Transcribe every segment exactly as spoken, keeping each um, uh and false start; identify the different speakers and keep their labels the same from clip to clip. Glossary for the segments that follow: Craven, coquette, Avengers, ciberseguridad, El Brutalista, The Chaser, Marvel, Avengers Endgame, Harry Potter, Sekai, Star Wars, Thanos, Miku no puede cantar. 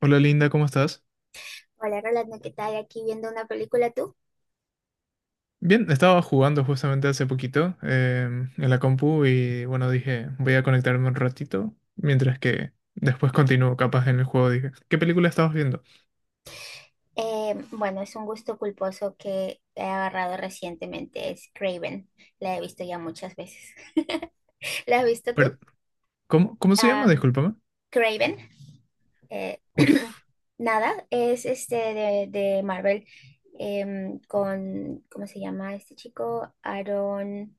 Speaker 1: Hola Linda, ¿cómo estás?
Speaker 2: Hola Rolando, ¿qué tal? Aquí viendo una película tú.
Speaker 1: Bien, estaba jugando justamente hace poquito em, en la compu y bueno, dije, voy a conectarme un ratito, mientras que después continúo capaz en el juego. Dije, ¿qué película estabas viendo?
Speaker 2: Eh, bueno, es un gusto culposo que he agarrado recientemente, es Craven. La he visto ya muchas veces. ¿La has visto tú?
Speaker 1: Per- ¿cómo, cómo se llama?
Speaker 2: Am,
Speaker 1: Discúlpame.
Speaker 2: Craven. eh,
Speaker 1: Uf,
Speaker 2: Nada, es este de, de Marvel em, con, ¿cómo se llama este chico? Aaron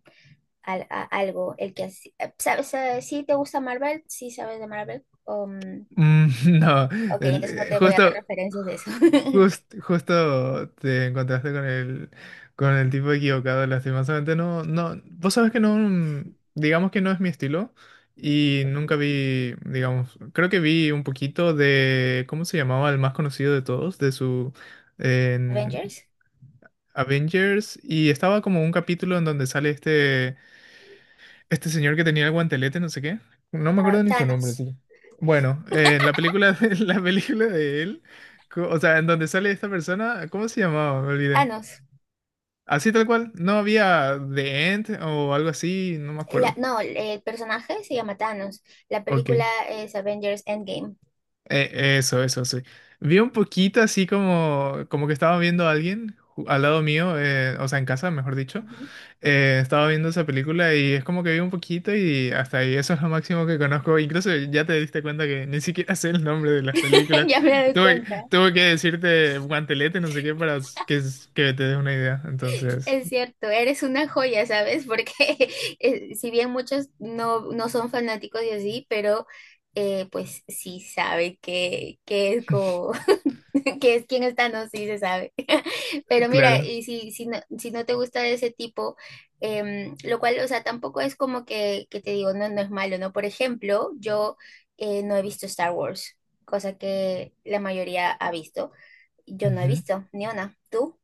Speaker 2: al- a- algo, el que hace- eh, ¿Sabes? Eh, ¿sí te gusta Marvel? ¿Sí sabes de Marvel? Um,
Speaker 1: mm, no,
Speaker 2: ok,
Speaker 1: el-
Speaker 2: entonces no
Speaker 1: eh,
Speaker 2: te voy a dar
Speaker 1: justo,
Speaker 2: referencias de eso.
Speaker 1: Just- justo te encontraste con el, con el tipo equivocado, lastimosamente. No, no, vos sabés que no, mm, digamos que no es mi estilo. Y nunca vi, digamos, creo que vi un poquito de, ¿cómo se llamaba? El más conocido de todos, de su en
Speaker 2: Avengers.
Speaker 1: Avengers. Y estaba como un capítulo en donde sale este. Este señor que tenía el guantelete, no sé qué. No me
Speaker 2: Ah,
Speaker 1: acuerdo ni su nombre,
Speaker 2: Thanos.
Speaker 1: sí. Bueno, eh, la película de, la película de él, co- o sea, en donde sale esta persona, ¿cómo se llamaba? Me olvidé.
Speaker 2: Thanos.
Speaker 1: Así tal cual, no había The End o algo así, no me
Speaker 2: La-
Speaker 1: acuerdo.
Speaker 2: no, el personaje se llama Thanos. La
Speaker 1: Ok.
Speaker 2: película es Avengers Endgame.
Speaker 1: Eh, eso, eso, sí. Vi un poquito así como, como que estaba viendo a alguien ju- al lado mío, eh, o sea, en casa, mejor dicho.
Speaker 2: Ujú.
Speaker 1: Eh, estaba viendo esa película y es como que vi un poquito y hasta ahí, eso es lo máximo que conozco. Incluso ya te diste cuenta que ni siquiera sé el nombre de las películas.
Speaker 2: Ya me doy
Speaker 1: Tuve,
Speaker 2: cuenta.
Speaker 1: tuve que decirte guantelete, no sé qué, para que, que te des una idea. Entonces,
Speaker 2: Es cierto, eres una joya, ¿sabes? Porque eh, si bien muchos no, no son fanáticos y así, pero eh, pues sí sabe que, que es como que es quién está, no, sí se sabe. Pero mira,
Speaker 1: claro.
Speaker 2: y si, si no, si no te gusta de ese tipo, em, lo cual, o sea, tampoco es como que, que te digo, no, no es malo, ¿no? Por ejemplo, yo eh, no he visto Star Wars, cosa que la mayoría ha visto. Yo no he
Speaker 1: Ujú.
Speaker 2: visto, ni una. ¿Tú?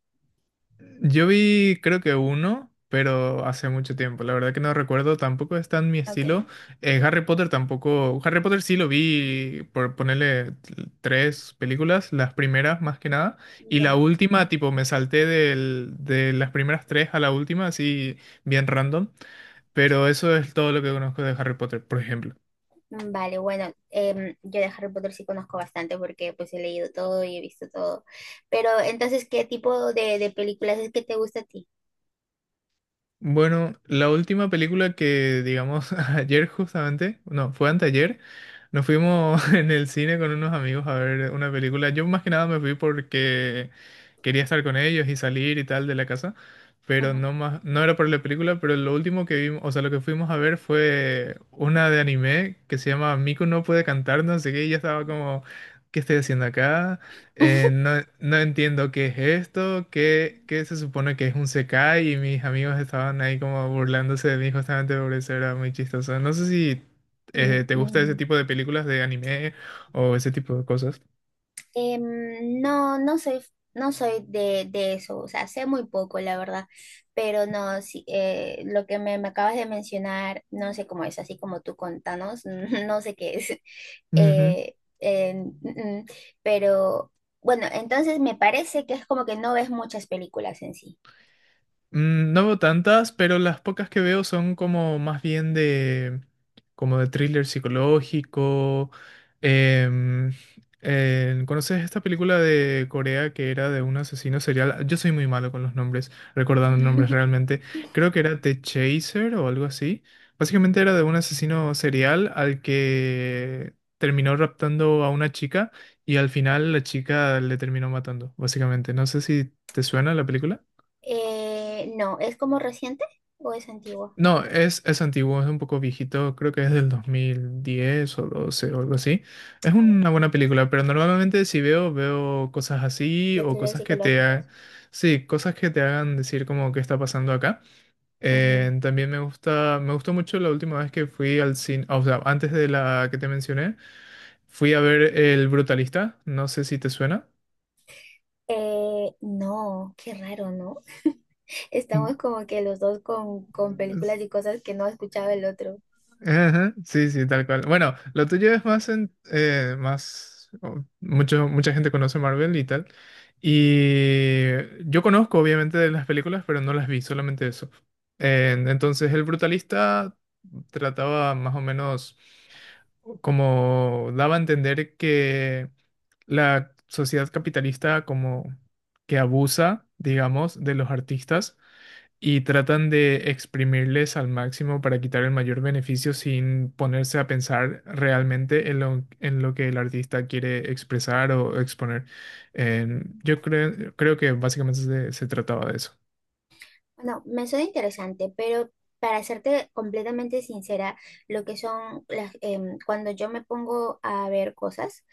Speaker 1: Yo vi, creo que uno, pero hace mucho tiempo. La verdad que no recuerdo, tampoco está en mi
Speaker 2: Ok.
Speaker 1: estilo. Eh, Harry Potter tampoco. Harry Potter sí lo vi por ponerle t- tres películas, las primeras más que nada. Y la
Speaker 2: Ya.
Speaker 1: última, tipo, me salté del- de las primeras tres a la última, así bien random. Pero eso es todo lo que conozco de Harry Potter, por ejemplo.
Speaker 2: Mm, Vale, bueno, em, yo de Harry Potter sí conozco bastante porque pues he leído todo y he visto todo. Pero entonces, ¿qué tipo de, de películas es que te gusta a ti?
Speaker 1: Bueno, la última película que, digamos, ayer justamente, no, fue anteayer, nos fuimos en el cine con unos amigos a ver una película. Yo más que nada me fui porque quería estar con ellos y salir y tal de la casa, pero
Speaker 2: Ujú.
Speaker 1: no más, no era por la película, pero lo último que vimos, o sea, lo que fuimos a ver fue una de anime que se llama Miku no puede cantar, no sé qué, y ya estaba como, ¿qué estoy haciendo acá? Eh, no, no entiendo qué es esto, qué, qué se supone que es un Sekai y mis amigos estaban ahí como burlándose de mí justamente por eso era muy chistoso. No sé si
Speaker 2: Mm,
Speaker 1: eh, te gusta ese
Speaker 2: mm,
Speaker 1: tipo de películas de anime o ese tipo de cosas.
Speaker 2: Em, no, no soy, no soy de, de eso, o sea, sé muy poco, la verdad, pero no, sí, eh, lo que me, me acabas de mencionar, no sé cómo es, así como tú contanos, no sé qué es, eh, eh, mm, mm, pero bueno, entonces me parece que es como que no ves muchas películas en sí.
Speaker 1: Mm, no veo tantas, pero las pocas que veo son como más bien de, como de thriller psicológico. Em, eh, ¿conoces esta película de Corea que era de un asesino serial? Yo soy muy malo con los nombres, recordando nombres realmente. Creo que era The Chaser o algo así. Básicamente era de un asesino serial al que terminó raptando a una chica y al final la chica le terminó matando, básicamente. No sé si te suena la película.
Speaker 2: Eh, no, ¿es como reciente o es antigua?
Speaker 1: No, es, es antiguo, es un poco viejito, creo que es del dos mil diez o doce o algo así. Es
Speaker 2: Ah, bueno,
Speaker 1: una buena película, pero normalmente si veo, veo cosas así
Speaker 2: de
Speaker 1: o
Speaker 2: thrillers
Speaker 1: cosas que te ha-
Speaker 2: psicológicos.
Speaker 1: sí, cosas que te hagan decir como qué está pasando acá.
Speaker 2: Ujú.
Speaker 1: Eh, también me gusta, me gustó mucho la última vez que fui al cine, o sea, antes de la que te mencioné, fui a ver El Brutalista, no sé si te suena.
Speaker 2: Eh, no, qué raro, ¿no? Estamos como que los dos con, con
Speaker 1: Mm,
Speaker 2: películas y cosas que no escuchaba el otro.
Speaker 1: ajá, sí, sí, tal cual. Bueno, lo tuyo es más en, eh, más, o- mucho, mucha gente conoce Marvel y tal. Y yo conozco obviamente de las películas, pero no las vi, solamente eso. En- entonces, El Brutalista trataba más o menos como daba a entender que la sociedad capitalista como que abusa, digamos, de los artistas y tratan de exprimirles al máximo para quitar el mayor beneficio sin ponerse a pensar realmente en lo, en lo que el artista quiere expresar o exponer. En- yo creo, creo que básicamente se, se trataba de eso.
Speaker 2: Bueno, me suena interesante, pero para serte completamente sincera, lo que son las, em, cuando yo me pongo a ver cosas,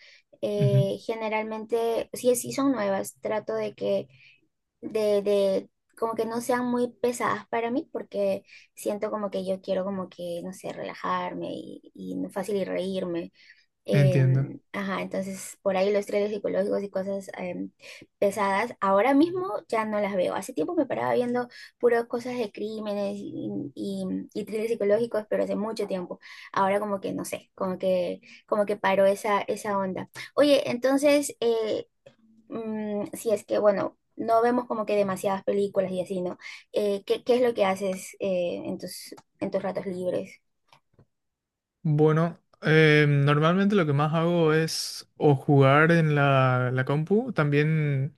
Speaker 1: Ujú,
Speaker 2: eh, generalmente, si, si son nuevas, trato de que, de, de, como que no sean muy pesadas para mí, porque siento como que yo quiero como que, no sé, relajarme y, y fácil y reírme.
Speaker 1: entiendo.
Speaker 2: Em, ajá, entonces por ahí los thrillers psicológicos y cosas em, pesadas, ahora mismo ya no las veo. Hace tiempo me paraba viendo puras cosas de crímenes y, y, y thrillers psicológicos, pero hace mucho tiempo. Ahora como que no sé, como que, como que paró esa, esa onda. Oye, entonces, eh, mm, si es que, bueno, no vemos como que demasiadas películas y así, ¿no? Eh, ¿qué, ¿qué es lo que haces eh, en tus, en tus ratos libres?
Speaker 1: Bueno, eh, normalmente lo que más hago es o jugar en la, la compu, también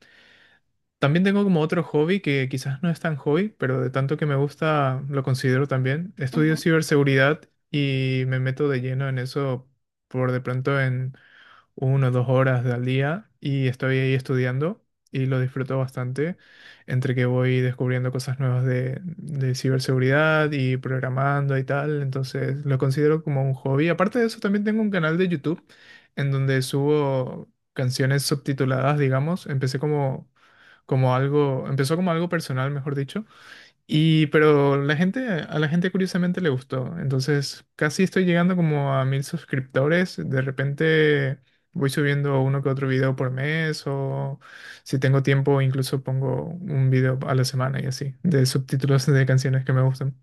Speaker 1: también tengo como otro hobby que quizás no es tan hobby, pero de tanto que me gusta lo considero también.
Speaker 2: Ujú.
Speaker 1: Estudio ciberseguridad y me meto de lleno en eso por de pronto en una o dos horas al día y estoy ahí estudiando y lo disfruto bastante entre que voy descubriendo cosas nuevas de, de ciberseguridad y programando y tal. Entonces lo considero como un hobby. Aparte de eso, también tengo un canal de YouTube en donde subo canciones subtituladas, digamos. Empecé como, como algo, empezó como algo personal, mejor dicho y pero la gente, a la gente curiosamente le gustó. Entonces, casi estoy llegando como a mil suscriptores. De repente voy subiendo uno que otro video por mes o si tengo tiempo incluso pongo un video a la semana y así, de subtítulos de canciones que me gustan.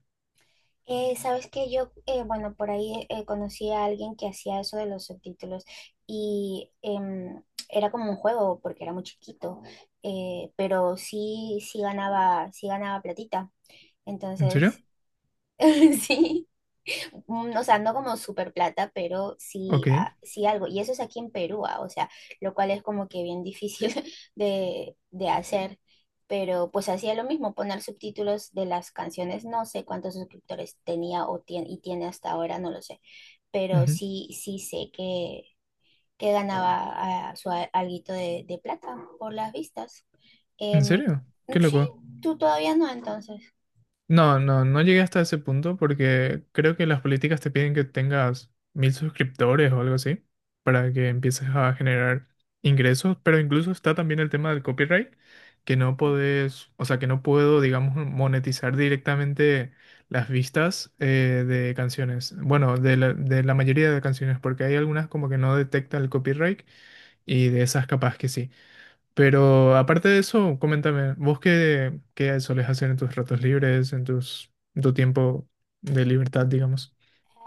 Speaker 2: Eh, sabes que yo, eh, bueno, por ahí eh, conocí a alguien que hacía eso de los subtítulos y em, era como un juego porque era muy chiquito, eh, pero sí, sí ganaba, sí ganaba platita.
Speaker 1: ¿En serio?
Speaker 2: Entonces, sí, mm, o sea, no como super plata, pero sí,
Speaker 1: Ok.
Speaker 2: ah, sí algo. Y eso es aquí en Perú, ah, o sea, lo cual es como que bien difícil de, de hacer. Pero pues hacía lo mismo, poner subtítulos de las canciones. No sé cuántos suscriptores tenía o tiene, y tiene hasta ahora, no lo sé. Pero
Speaker 1: Ujú.
Speaker 2: sí, sí sé que, que ganaba ah, su a- alguito de, de plata por las vistas.
Speaker 1: ¿En
Speaker 2: Em,
Speaker 1: serio? Qué
Speaker 2: sí,
Speaker 1: loco.
Speaker 2: tú todavía no, entonces.
Speaker 1: No, no, no llegué hasta ese punto porque creo que las políticas te piden que tengas mil suscriptores o algo así para que empieces a generar ingresos, pero incluso está también el tema del copyright, que no podés, o sea, que no puedo, digamos, monetizar directamente las vistas eh, de canciones, bueno, de la, de la mayoría de canciones, porque hay algunas como que no detecta el copyright y de esas capaz que sí. Pero aparte de eso, coméntame, ¿vos qué, qué solés hacer en tus ratos libres, en tus, en tu tiempo de libertad, digamos?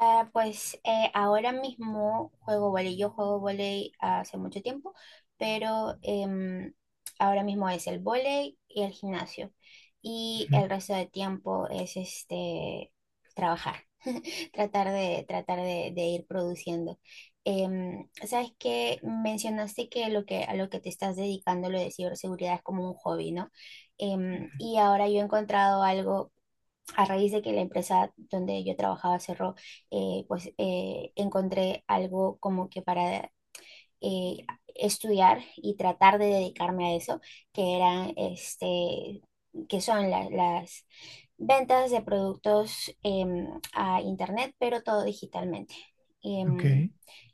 Speaker 2: Ah, pues eh, ahora mismo juego volei. Yo juego volei hace mucho tiempo, pero em, ahora mismo es el volei y el gimnasio. Y
Speaker 1: Ujú.
Speaker 2: el resto de tiempo es este trabajar, tratar de, tratar de, de ir produciendo. Em, sabes que mencionaste que lo que a lo que te estás dedicando, lo de ciberseguridad, es como un hobby, ¿no? Em, y ahora yo he encontrado algo a raíz de que la empresa donde yo trabajaba cerró, eh, pues eh, encontré algo como que para eh, estudiar y tratar de dedicarme a eso, que eran, este, que son la- las ventas de productos em, a internet, pero todo digitalmente.
Speaker 1: Ok.
Speaker 2: Em,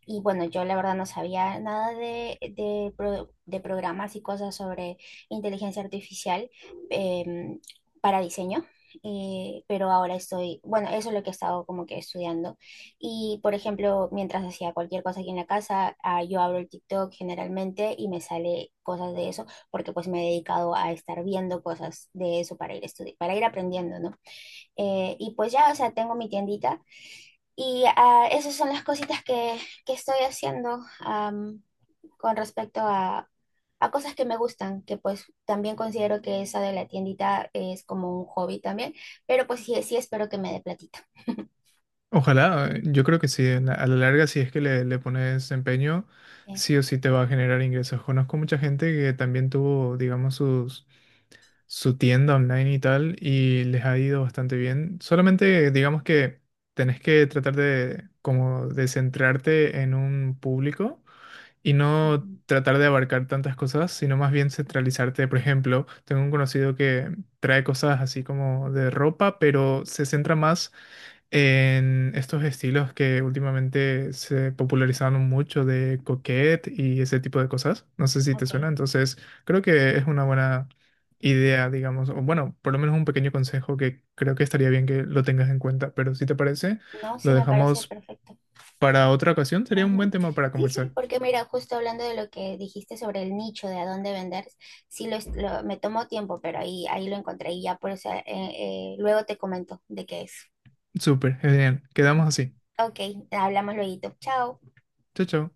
Speaker 2: y bueno, yo la verdad no sabía nada de, de pro- de programas y cosas sobre inteligencia artificial em, para diseño, eh, pero ahora estoy, bueno, eso es lo que he estado como que estudiando y, por ejemplo, mientras hacía cualquier cosa aquí en la casa, ah, yo abro el TikTok generalmente y me sale cosas de eso, porque pues me he dedicado a estar viendo cosas de eso para ir estudi- para ir aprendiendo, ¿no? Eh, y pues ya, o sea, tengo mi tiendita y ah, esas son las cositas que, que estoy haciendo am, con respecto a, a cosas que me gustan, que pues también considero que esa de la tiendita es como un hobby también, pero pues sí, sí espero que me dé platita.
Speaker 1: Ojalá, eh, yo creo que sí, en la- a la larga, si es que le, le pones empeño,
Speaker 2: Eh,
Speaker 1: sí o sí te va a generar ingresos. Conozco mucha gente que también tuvo, digamos, sus, su tienda online y tal, y les ha ido bastante bien. Solamente, digamos que tenés que tratar de, como, de centrarte en un público y no
Speaker 2: Ujú,
Speaker 1: tratar de abarcar tantas cosas, sino más bien centralizarte. Por ejemplo, tengo un conocido que trae cosas así como de ropa, pero se centra más en estos estilos que últimamente se popularizaron mucho de coquette y ese tipo de cosas. No sé si te
Speaker 2: ok.
Speaker 1: suena, entonces creo que es una buena idea, digamos, o bueno, por lo menos un pequeño consejo que creo que estaría bien que lo tengas en cuenta, pero si te parece,
Speaker 2: No,
Speaker 1: lo
Speaker 2: sí me parece
Speaker 1: dejamos
Speaker 2: perfecto.
Speaker 1: para otra ocasión, sería un buen
Speaker 2: Ujú.
Speaker 1: tema para
Speaker 2: Sí, sí,
Speaker 1: conversar.
Speaker 2: porque mira, justo hablando de lo que dijiste sobre el nicho, de a dónde vender, sí lo, es- lo- me tomó tiempo, pero ahí, ahí lo encontré y ya por eso eh, eh, luego te comento de qué es.
Speaker 1: Súper, genial. Quedamos así.
Speaker 2: Ok, hablamos luego. Chao.
Speaker 1: Chao, chao.